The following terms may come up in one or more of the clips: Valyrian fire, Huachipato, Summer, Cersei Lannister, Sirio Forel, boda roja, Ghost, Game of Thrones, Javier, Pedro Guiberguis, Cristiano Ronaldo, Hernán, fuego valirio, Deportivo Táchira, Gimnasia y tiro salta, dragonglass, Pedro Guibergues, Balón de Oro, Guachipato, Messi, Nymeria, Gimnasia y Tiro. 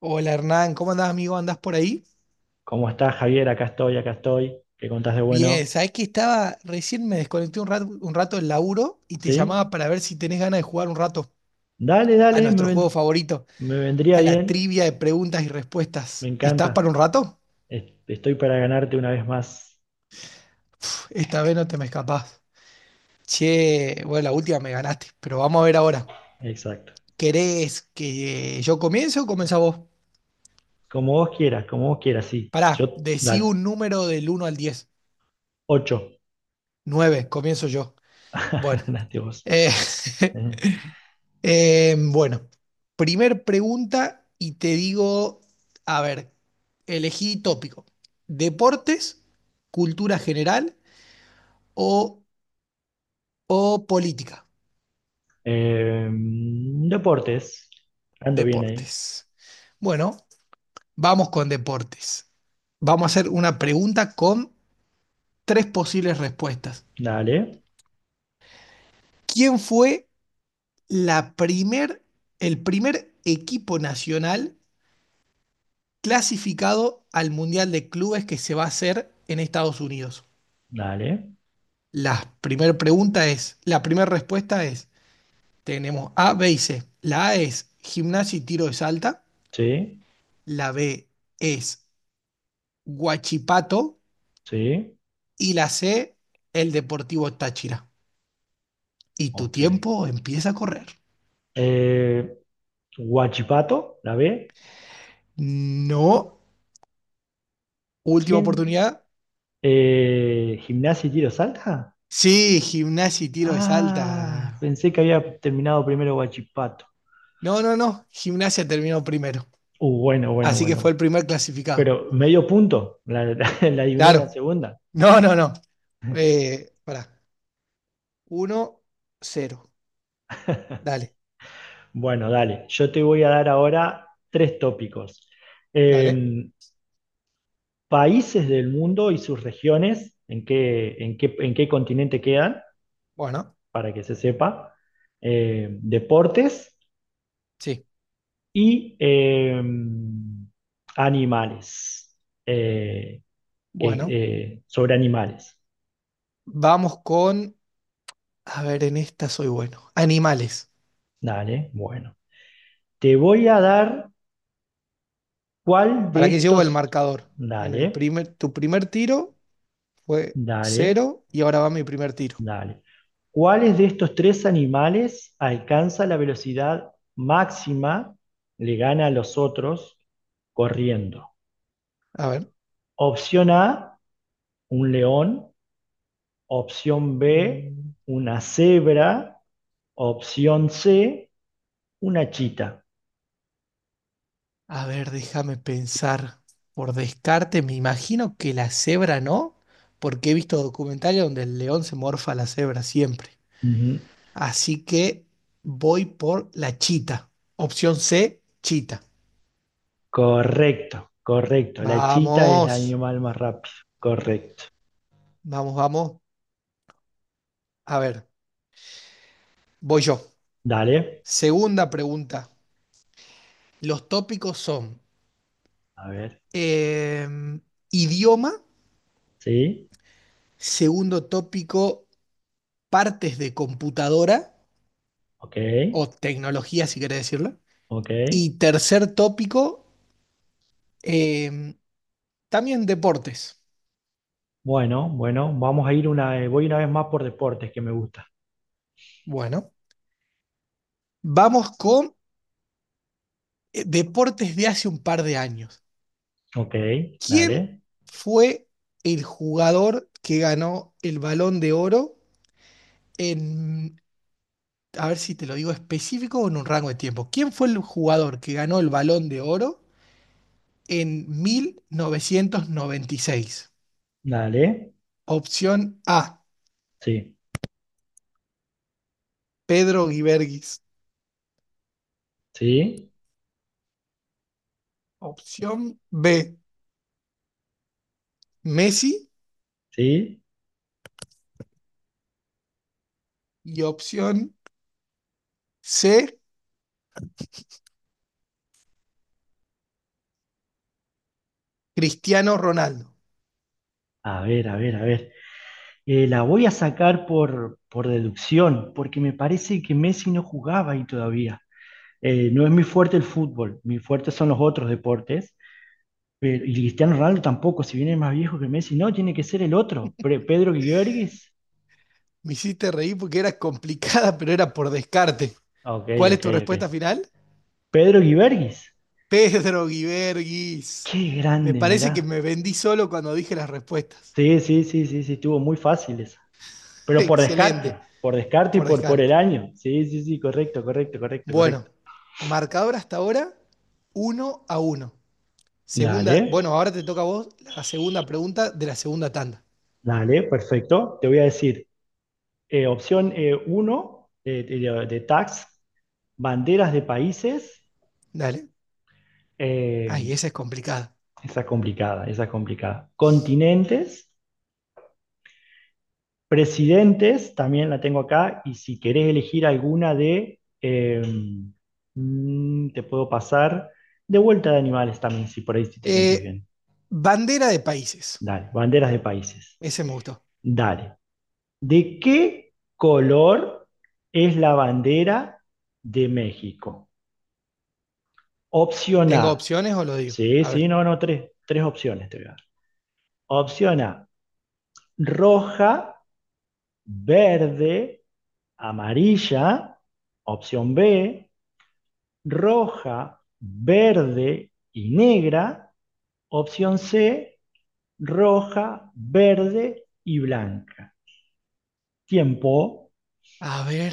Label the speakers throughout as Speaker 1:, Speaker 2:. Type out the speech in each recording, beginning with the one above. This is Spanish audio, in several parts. Speaker 1: Hola Hernán, ¿cómo andás amigo? ¿Andás por ahí?
Speaker 2: ¿Cómo estás, Javier? Acá estoy, acá estoy. ¿Qué contás de
Speaker 1: Bien,
Speaker 2: bueno?
Speaker 1: sabés que estaba, recién me desconecté un rato, del laburo y te
Speaker 2: ¿Sí?
Speaker 1: llamaba para ver si tenés ganas de jugar un rato
Speaker 2: Dale,
Speaker 1: a
Speaker 2: dale,
Speaker 1: nuestro juego favorito,
Speaker 2: me vendría
Speaker 1: a la
Speaker 2: bien.
Speaker 1: trivia de preguntas y
Speaker 2: Me
Speaker 1: respuestas. ¿Estás para
Speaker 2: encanta.
Speaker 1: un rato?
Speaker 2: Estoy para ganarte una vez más.
Speaker 1: Esta vez no te me escapás. Che, bueno, la última me ganaste, pero vamos a ver ahora.
Speaker 2: Exacto.
Speaker 1: ¿Querés que yo comience o comenzás vos?
Speaker 2: Como vos quieras, sí. Yo,
Speaker 1: Pará, decí
Speaker 2: dale.
Speaker 1: un número del uno al 10.
Speaker 2: Ocho.
Speaker 1: 9, comienzo yo. Bueno.
Speaker 2: Ganaste vos.
Speaker 1: eh,
Speaker 2: Eh,
Speaker 1: bueno, primer pregunta y te digo, a ver, elegí tópico, deportes, cultura general o, o política,
Speaker 2: deportes. Ando bien ahí.
Speaker 1: deportes. Bueno, vamos con deportes. Vamos a hacer una pregunta con tres posibles respuestas.
Speaker 2: Dale,
Speaker 1: ¿Quién fue la primer, el primer equipo nacional clasificado al Mundial de Clubes que se va a hacer en Estados Unidos?
Speaker 2: dale.
Speaker 1: La primera respuesta es, tenemos A, B y C. La A es gimnasia y tiro de salta,
Speaker 2: Sí,
Speaker 1: la B es Huachipato
Speaker 2: sí.
Speaker 1: y la C, el Deportivo Táchira. Y tu
Speaker 2: Ok.
Speaker 1: tiempo empieza a correr.
Speaker 2: Eh, Guachipato, la B.
Speaker 1: No, última
Speaker 2: ¿Quién?
Speaker 1: oportunidad.
Speaker 2: ¿Gimnasia y tiro salta?
Speaker 1: Sí, gimnasia y tiro de
Speaker 2: Ah,
Speaker 1: salta.
Speaker 2: pensé que había terminado primero Guachipato.
Speaker 1: No, no, no, gimnasia terminó primero.
Speaker 2: Bueno, bueno,
Speaker 1: Así que fue
Speaker 2: bueno.
Speaker 1: el primer clasificado.
Speaker 2: Pero medio punto, la adiviné en la
Speaker 1: Claro.
Speaker 2: segunda.
Speaker 1: No, no, no. Pará. 1-0. Dale,
Speaker 2: Bueno, dale, yo te voy a dar ahora tres tópicos.
Speaker 1: dale.
Speaker 2: Eh, países del mundo y sus regiones, en qué continente quedan,
Speaker 1: Bueno,
Speaker 2: para que se sepa. Deportes
Speaker 1: sí.
Speaker 2: y animales. Eh,
Speaker 1: Bueno,
Speaker 2: sobre animales.
Speaker 1: vamos con, a ver, en esta soy bueno. Animales.
Speaker 2: Dale, bueno. Te voy a dar cuál de
Speaker 1: ¿Para qué llevo el
Speaker 2: estos.
Speaker 1: marcador? En el
Speaker 2: Dale,
Speaker 1: primer, tu primer tiro fue
Speaker 2: dale,
Speaker 1: cero y ahora va mi primer tiro.
Speaker 2: dale. ¿Cuáles de estos tres animales alcanza la velocidad máxima, le gana a los otros corriendo?
Speaker 1: A ver.
Speaker 2: Opción A, un león. Opción B,
Speaker 1: mm,
Speaker 2: una cebra. Opción C, una chita.
Speaker 1: a ver, déjame pensar. Por descarte, me imagino que la cebra no, porque he visto documentales donde el león se morfa a la cebra siempre.
Speaker 2: Ujú.
Speaker 1: Así que voy por la chita. Opción C, chita.
Speaker 2: Correcto, correcto. La chita es el
Speaker 1: Vamos.
Speaker 2: animal más rápido. Correcto.
Speaker 1: Vamos, vamos. A ver, voy yo.
Speaker 2: Dale.
Speaker 1: Segunda pregunta. Los tópicos son
Speaker 2: A ver.
Speaker 1: eh, idioma,
Speaker 2: Sí.
Speaker 1: segundo tópico, partes de computadora
Speaker 2: Ok.
Speaker 1: o tecnología, si querés decirlo.
Speaker 2: Ok.
Speaker 1: Y tercer tópico, eh, también deportes.
Speaker 2: Bueno, bueno. Vamos a ir voy una vez más por deportes que me gusta.
Speaker 1: Bueno, vamos con deportes de hace un par de años.
Speaker 2: Ok.
Speaker 1: ¿Quién
Speaker 2: Dale.
Speaker 1: fue el jugador que ganó el Balón de Oro en a ver si te lo digo específico o en un rango de tiempo. ¿Quién fue el jugador que ganó el Balón de Oro en 1996?
Speaker 2: Dale.
Speaker 1: Opción A,
Speaker 2: Sí.
Speaker 1: Pedro Guiberguis.
Speaker 2: Sí.
Speaker 1: Opción B, Messi.
Speaker 2: Sí.
Speaker 1: Y opción C, Cristiano Ronaldo.
Speaker 2: A ver, a ver, a ver. La voy a sacar por deducción, porque me parece que Messi no jugaba ahí todavía. No es mi fuerte el fútbol, mi fuerte son los otros deportes. Y Cristiano Ronaldo tampoco, si viene más viejo que Messi, no, tiene que ser el otro. Pedro Guibergues.
Speaker 1: Me hiciste reír porque era complicada, pero era por descarte.
Speaker 2: Ah, Ok,
Speaker 1: ¿Cuál es
Speaker 2: ok,
Speaker 1: tu respuesta
Speaker 2: ok.
Speaker 1: final?
Speaker 2: Pedro Guibergues.
Speaker 1: Pedro Guiberguis.
Speaker 2: Qué
Speaker 1: Me
Speaker 2: grande, mirá.
Speaker 1: parece que me vendí solo cuando dije las respuestas.
Speaker 2: Sí, sí, sí, sí, sí, estuvo muy fácil esa. Pero
Speaker 1: Excelente,
Speaker 2: por descarte y
Speaker 1: por
Speaker 2: por el
Speaker 1: descarte.
Speaker 2: año. Sí, sí, sí, correcto, correcto, correcto,
Speaker 1: Bueno,
Speaker 2: correcto.
Speaker 1: marcador hasta ahora, uno a uno.
Speaker 2: Dale,
Speaker 1: Ahora te toca a vos la segunda pregunta de la segunda tanda.
Speaker 2: dale, perfecto. Te voy a decir, opción uno banderas de países.
Speaker 1: Dale.
Speaker 2: eh,
Speaker 1: Ay, esa es complicada.
Speaker 2: esa es complicada, esa es complicada. Continentes. Presidentes, también la tengo acá, y si querés elegir alguna te puedo pasar, de vuelta de animales también, si por ahí sí te sentís
Speaker 1: Eh,
Speaker 2: bien.
Speaker 1: bandera de países.
Speaker 2: Dale, banderas de países.
Speaker 1: Ese me gustó.
Speaker 2: Dale. ¿De qué color es la bandera de México? Opción
Speaker 1: ¿Tengo
Speaker 2: A.
Speaker 1: opciones o lo digo?
Speaker 2: Sí,
Speaker 1: A
Speaker 2: sí,
Speaker 1: ver.
Speaker 2: no, no, tres opciones te voy a dar. Opción A, roja, verde, amarilla. Opción B, roja, verde y negra. Opción C, roja, verde y blanca. Tiempo.
Speaker 1: A ver,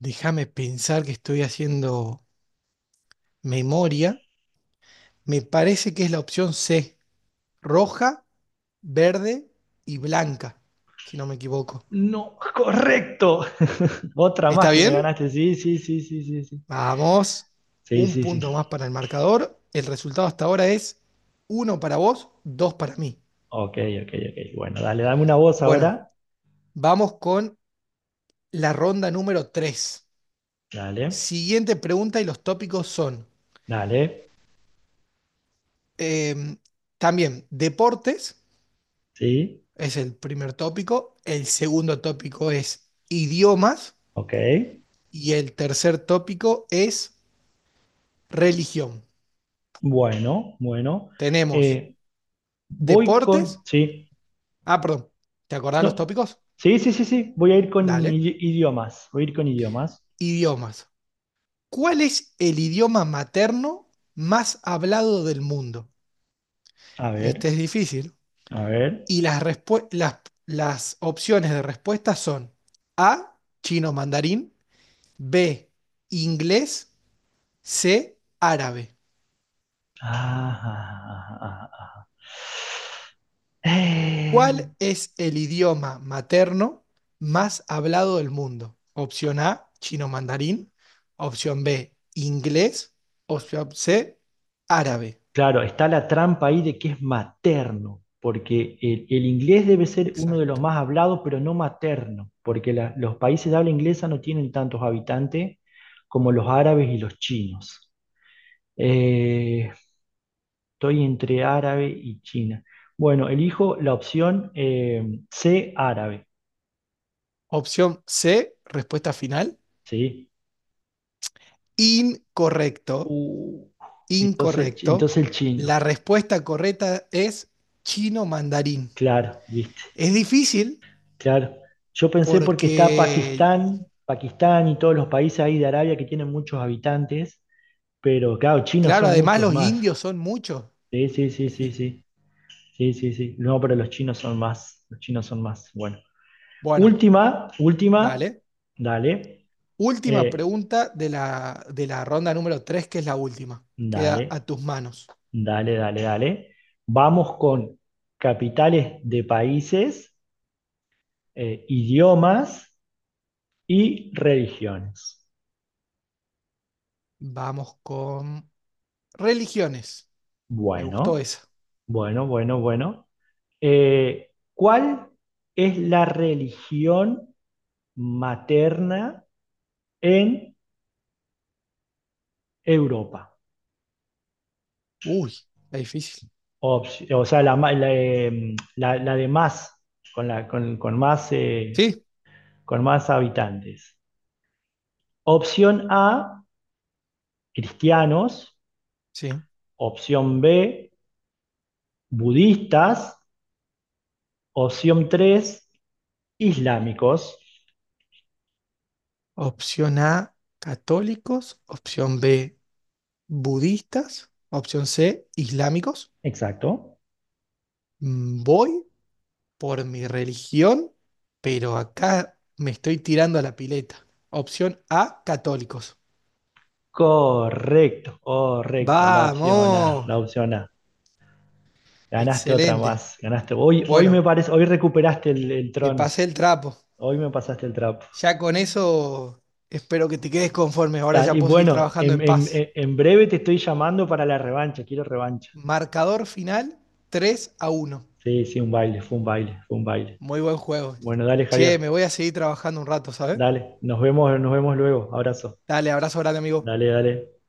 Speaker 1: déjame pensar que estoy haciendo memoria. Me parece que es la opción C. Roja, verde y blanca, si no me equivoco.
Speaker 2: No, correcto. Otra
Speaker 1: ¿Está
Speaker 2: más que me
Speaker 1: bien?
Speaker 2: ganaste. Sí, sí, sí, sí, sí, sí.
Speaker 1: Vamos,
Speaker 2: Sí,
Speaker 1: un
Speaker 2: sí, sí.
Speaker 1: punto más para el marcador. El resultado hasta ahora es uno para vos, dos para mí.
Speaker 2: Ok, ok, ok. Bueno, dale, dame una voz
Speaker 1: Bueno,
Speaker 2: ahora.
Speaker 1: vamos con la ronda número 3.
Speaker 2: Dale,
Speaker 1: Siguiente pregunta y los tópicos son
Speaker 2: dale.
Speaker 1: eh, también deportes,
Speaker 2: Sí,
Speaker 1: es el primer tópico. El segundo tópico es idiomas
Speaker 2: ok.
Speaker 1: y el tercer tópico es religión.
Speaker 2: Bueno, bueno.
Speaker 1: Tenemos
Speaker 2: Eh, voy con.
Speaker 1: deportes.
Speaker 2: Sí,
Speaker 1: Ah, perdón, ¿te acordás los
Speaker 2: no.
Speaker 1: tópicos?
Speaker 2: Sí, sí, sí, sí. Voy a ir con
Speaker 1: Dale.
Speaker 2: idiomas. Voy a ir con idiomas.
Speaker 1: Idiomas ¿Cuál es el idioma materno más hablado del mundo?
Speaker 2: A
Speaker 1: Este
Speaker 2: ver,
Speaker 1: es difícil.
Speaker 2: a ver.
Speaker 1: Y las opciones de respuesta son A, chino mandarín, B, inglés, C, árabe.
Speaker 2: Ah, ah, ah, ah, ah. Eh,
Speaker 1: ¿Cuál es el idioma materno más hablado del mundo? Opción A, chino mandarín, opción B, inglés, opción C, árabe.
Speaker 2: claro, está la trampa ahí de que es materno, porque el inglés debe ser uno de los
Speaker 1: Exacto.
Speaker 2: más hablados, pero no materno, porque la- los países de habla inglesa no tienen tantos habitantes como los árabes y los chinos. Eh, estoy entre árabe y China. Bueno, elijo la opción C, árabe,
Speaker 1: Opción C, respuesta final.
Speaker 2: ¿sí?
Speaker 1: Incorrecto,
Speaker 2: Uh, entonces,
Speaker 1: incorrecto.
Speaker 2: entonces el
Speaker 1: La
Speaker 2: chino.
Speaker 1: respuesta correcta es chino mandarín.
Speaker 2: Claro, viste,
Speaker 1: Es difícil
Speaker 2: claro. Yo pensé porque está
Speaker 1: porque,
Speaker 2: Pakistán, Pakistán y todos los países ahí de Arabia que tienen muchos habitantes, pero claro, chinos
Speaker 1: claro,
Speaker 2: son
Speaker 1: además
Speaker 2: muchos
Speaker 1: los
Speaker 2: más.
Speaker 1: indios son muchos.
Speaker 2: Sí, sí, sí, sí,
Speaker 1: El-
Speaker 2: sí. Sí, sí, sí. No, pero los chinos son más. Los chinos son más. Bueno.
Speaker 1: Bueno,
Speaker 2: Última, última.
Speaker 1: dale.
Speaker 2: Dale.
Speaker 1: Última
Speaker 2: eh,
Speaker 1: pregunta de de la ronda número 3, que es la última. Queda a
Speaker 2: dale,
Speaker 1: tus manos.
Speaker 2: dale, dale, dale. Vamos con capitales de países, idiomas y religiones.
Speaker 1: Vamos con religiones. Me gustó
Speaker 2: Bueno.
Speaker 1: esa.
Speaker 2: Bueno, bueno, bueno. ¿Cuál es la religión materna en Europa?
Speaker 1: Uy, está difícil.
Speaker 2: O sea, la de más, con, la,
Speaker 1: Sí,
Speaker 2: con más habitantes. Opción A, cristianos.
Speaker 1: sí.
Speaker 2: Opción B, budistas. Opción 3, islámicos.
Speaker 1: Opción A, católicos. Opción B, budistas, opción C, islámicos.
Speaker 2: Exacto.
Speaker 1: Mm, voy por mi religión, pero acá me estoy tirando a la pileta. Opción A, católicos.
Speaker 2: Correcto, correcto. La
Speaker 1: Vamos,
Speaker 2: opción A. Ganaste otra
Speaker 1: excelente.
Speaker 2: más, ganaste. Hoy me
Speaker 1: Bueno,
Speaker 2: parece, hoy recuperaste el
Speaker 1: te
Speaker 2: trono,
Speaker 1: pasé el trapo.
Speaker 2: hoy me pasaste el trapo.
Speaker 1: Ya con eso espero que te quedes conforme. Ahora
Speaker 2: Tal,
Speaker 1: ya
Speaker 2: y
Speaker 1: puedo seguir
Speaker 2: bueno,
Speaker 1: trabajando
Speaker 2: en,
Speaker 1: en
Speaker 2: en-
Speaker 1: paz.
Speaker 2: en- en breve te estoy llamando para la revancha, quiero revancha.
Speaker 1: Marcador final tres a uno,
Speaker 2: Sí, sí, un baile, fue un baile, fue un baile.
Speaker 1: muy buen juego.
Speaker 2: Bueno, dale,
Speaker 1: Che, me
Speaker 2: Javier,
Speaker 1: voy a seguir trabajando un rato, ¿sabes?
Speaker 2: dale, nos vemos luego, abrazo.
Speaker 1: Dale, abrazo grande, amigo.
Speaker 2: Dale, dale.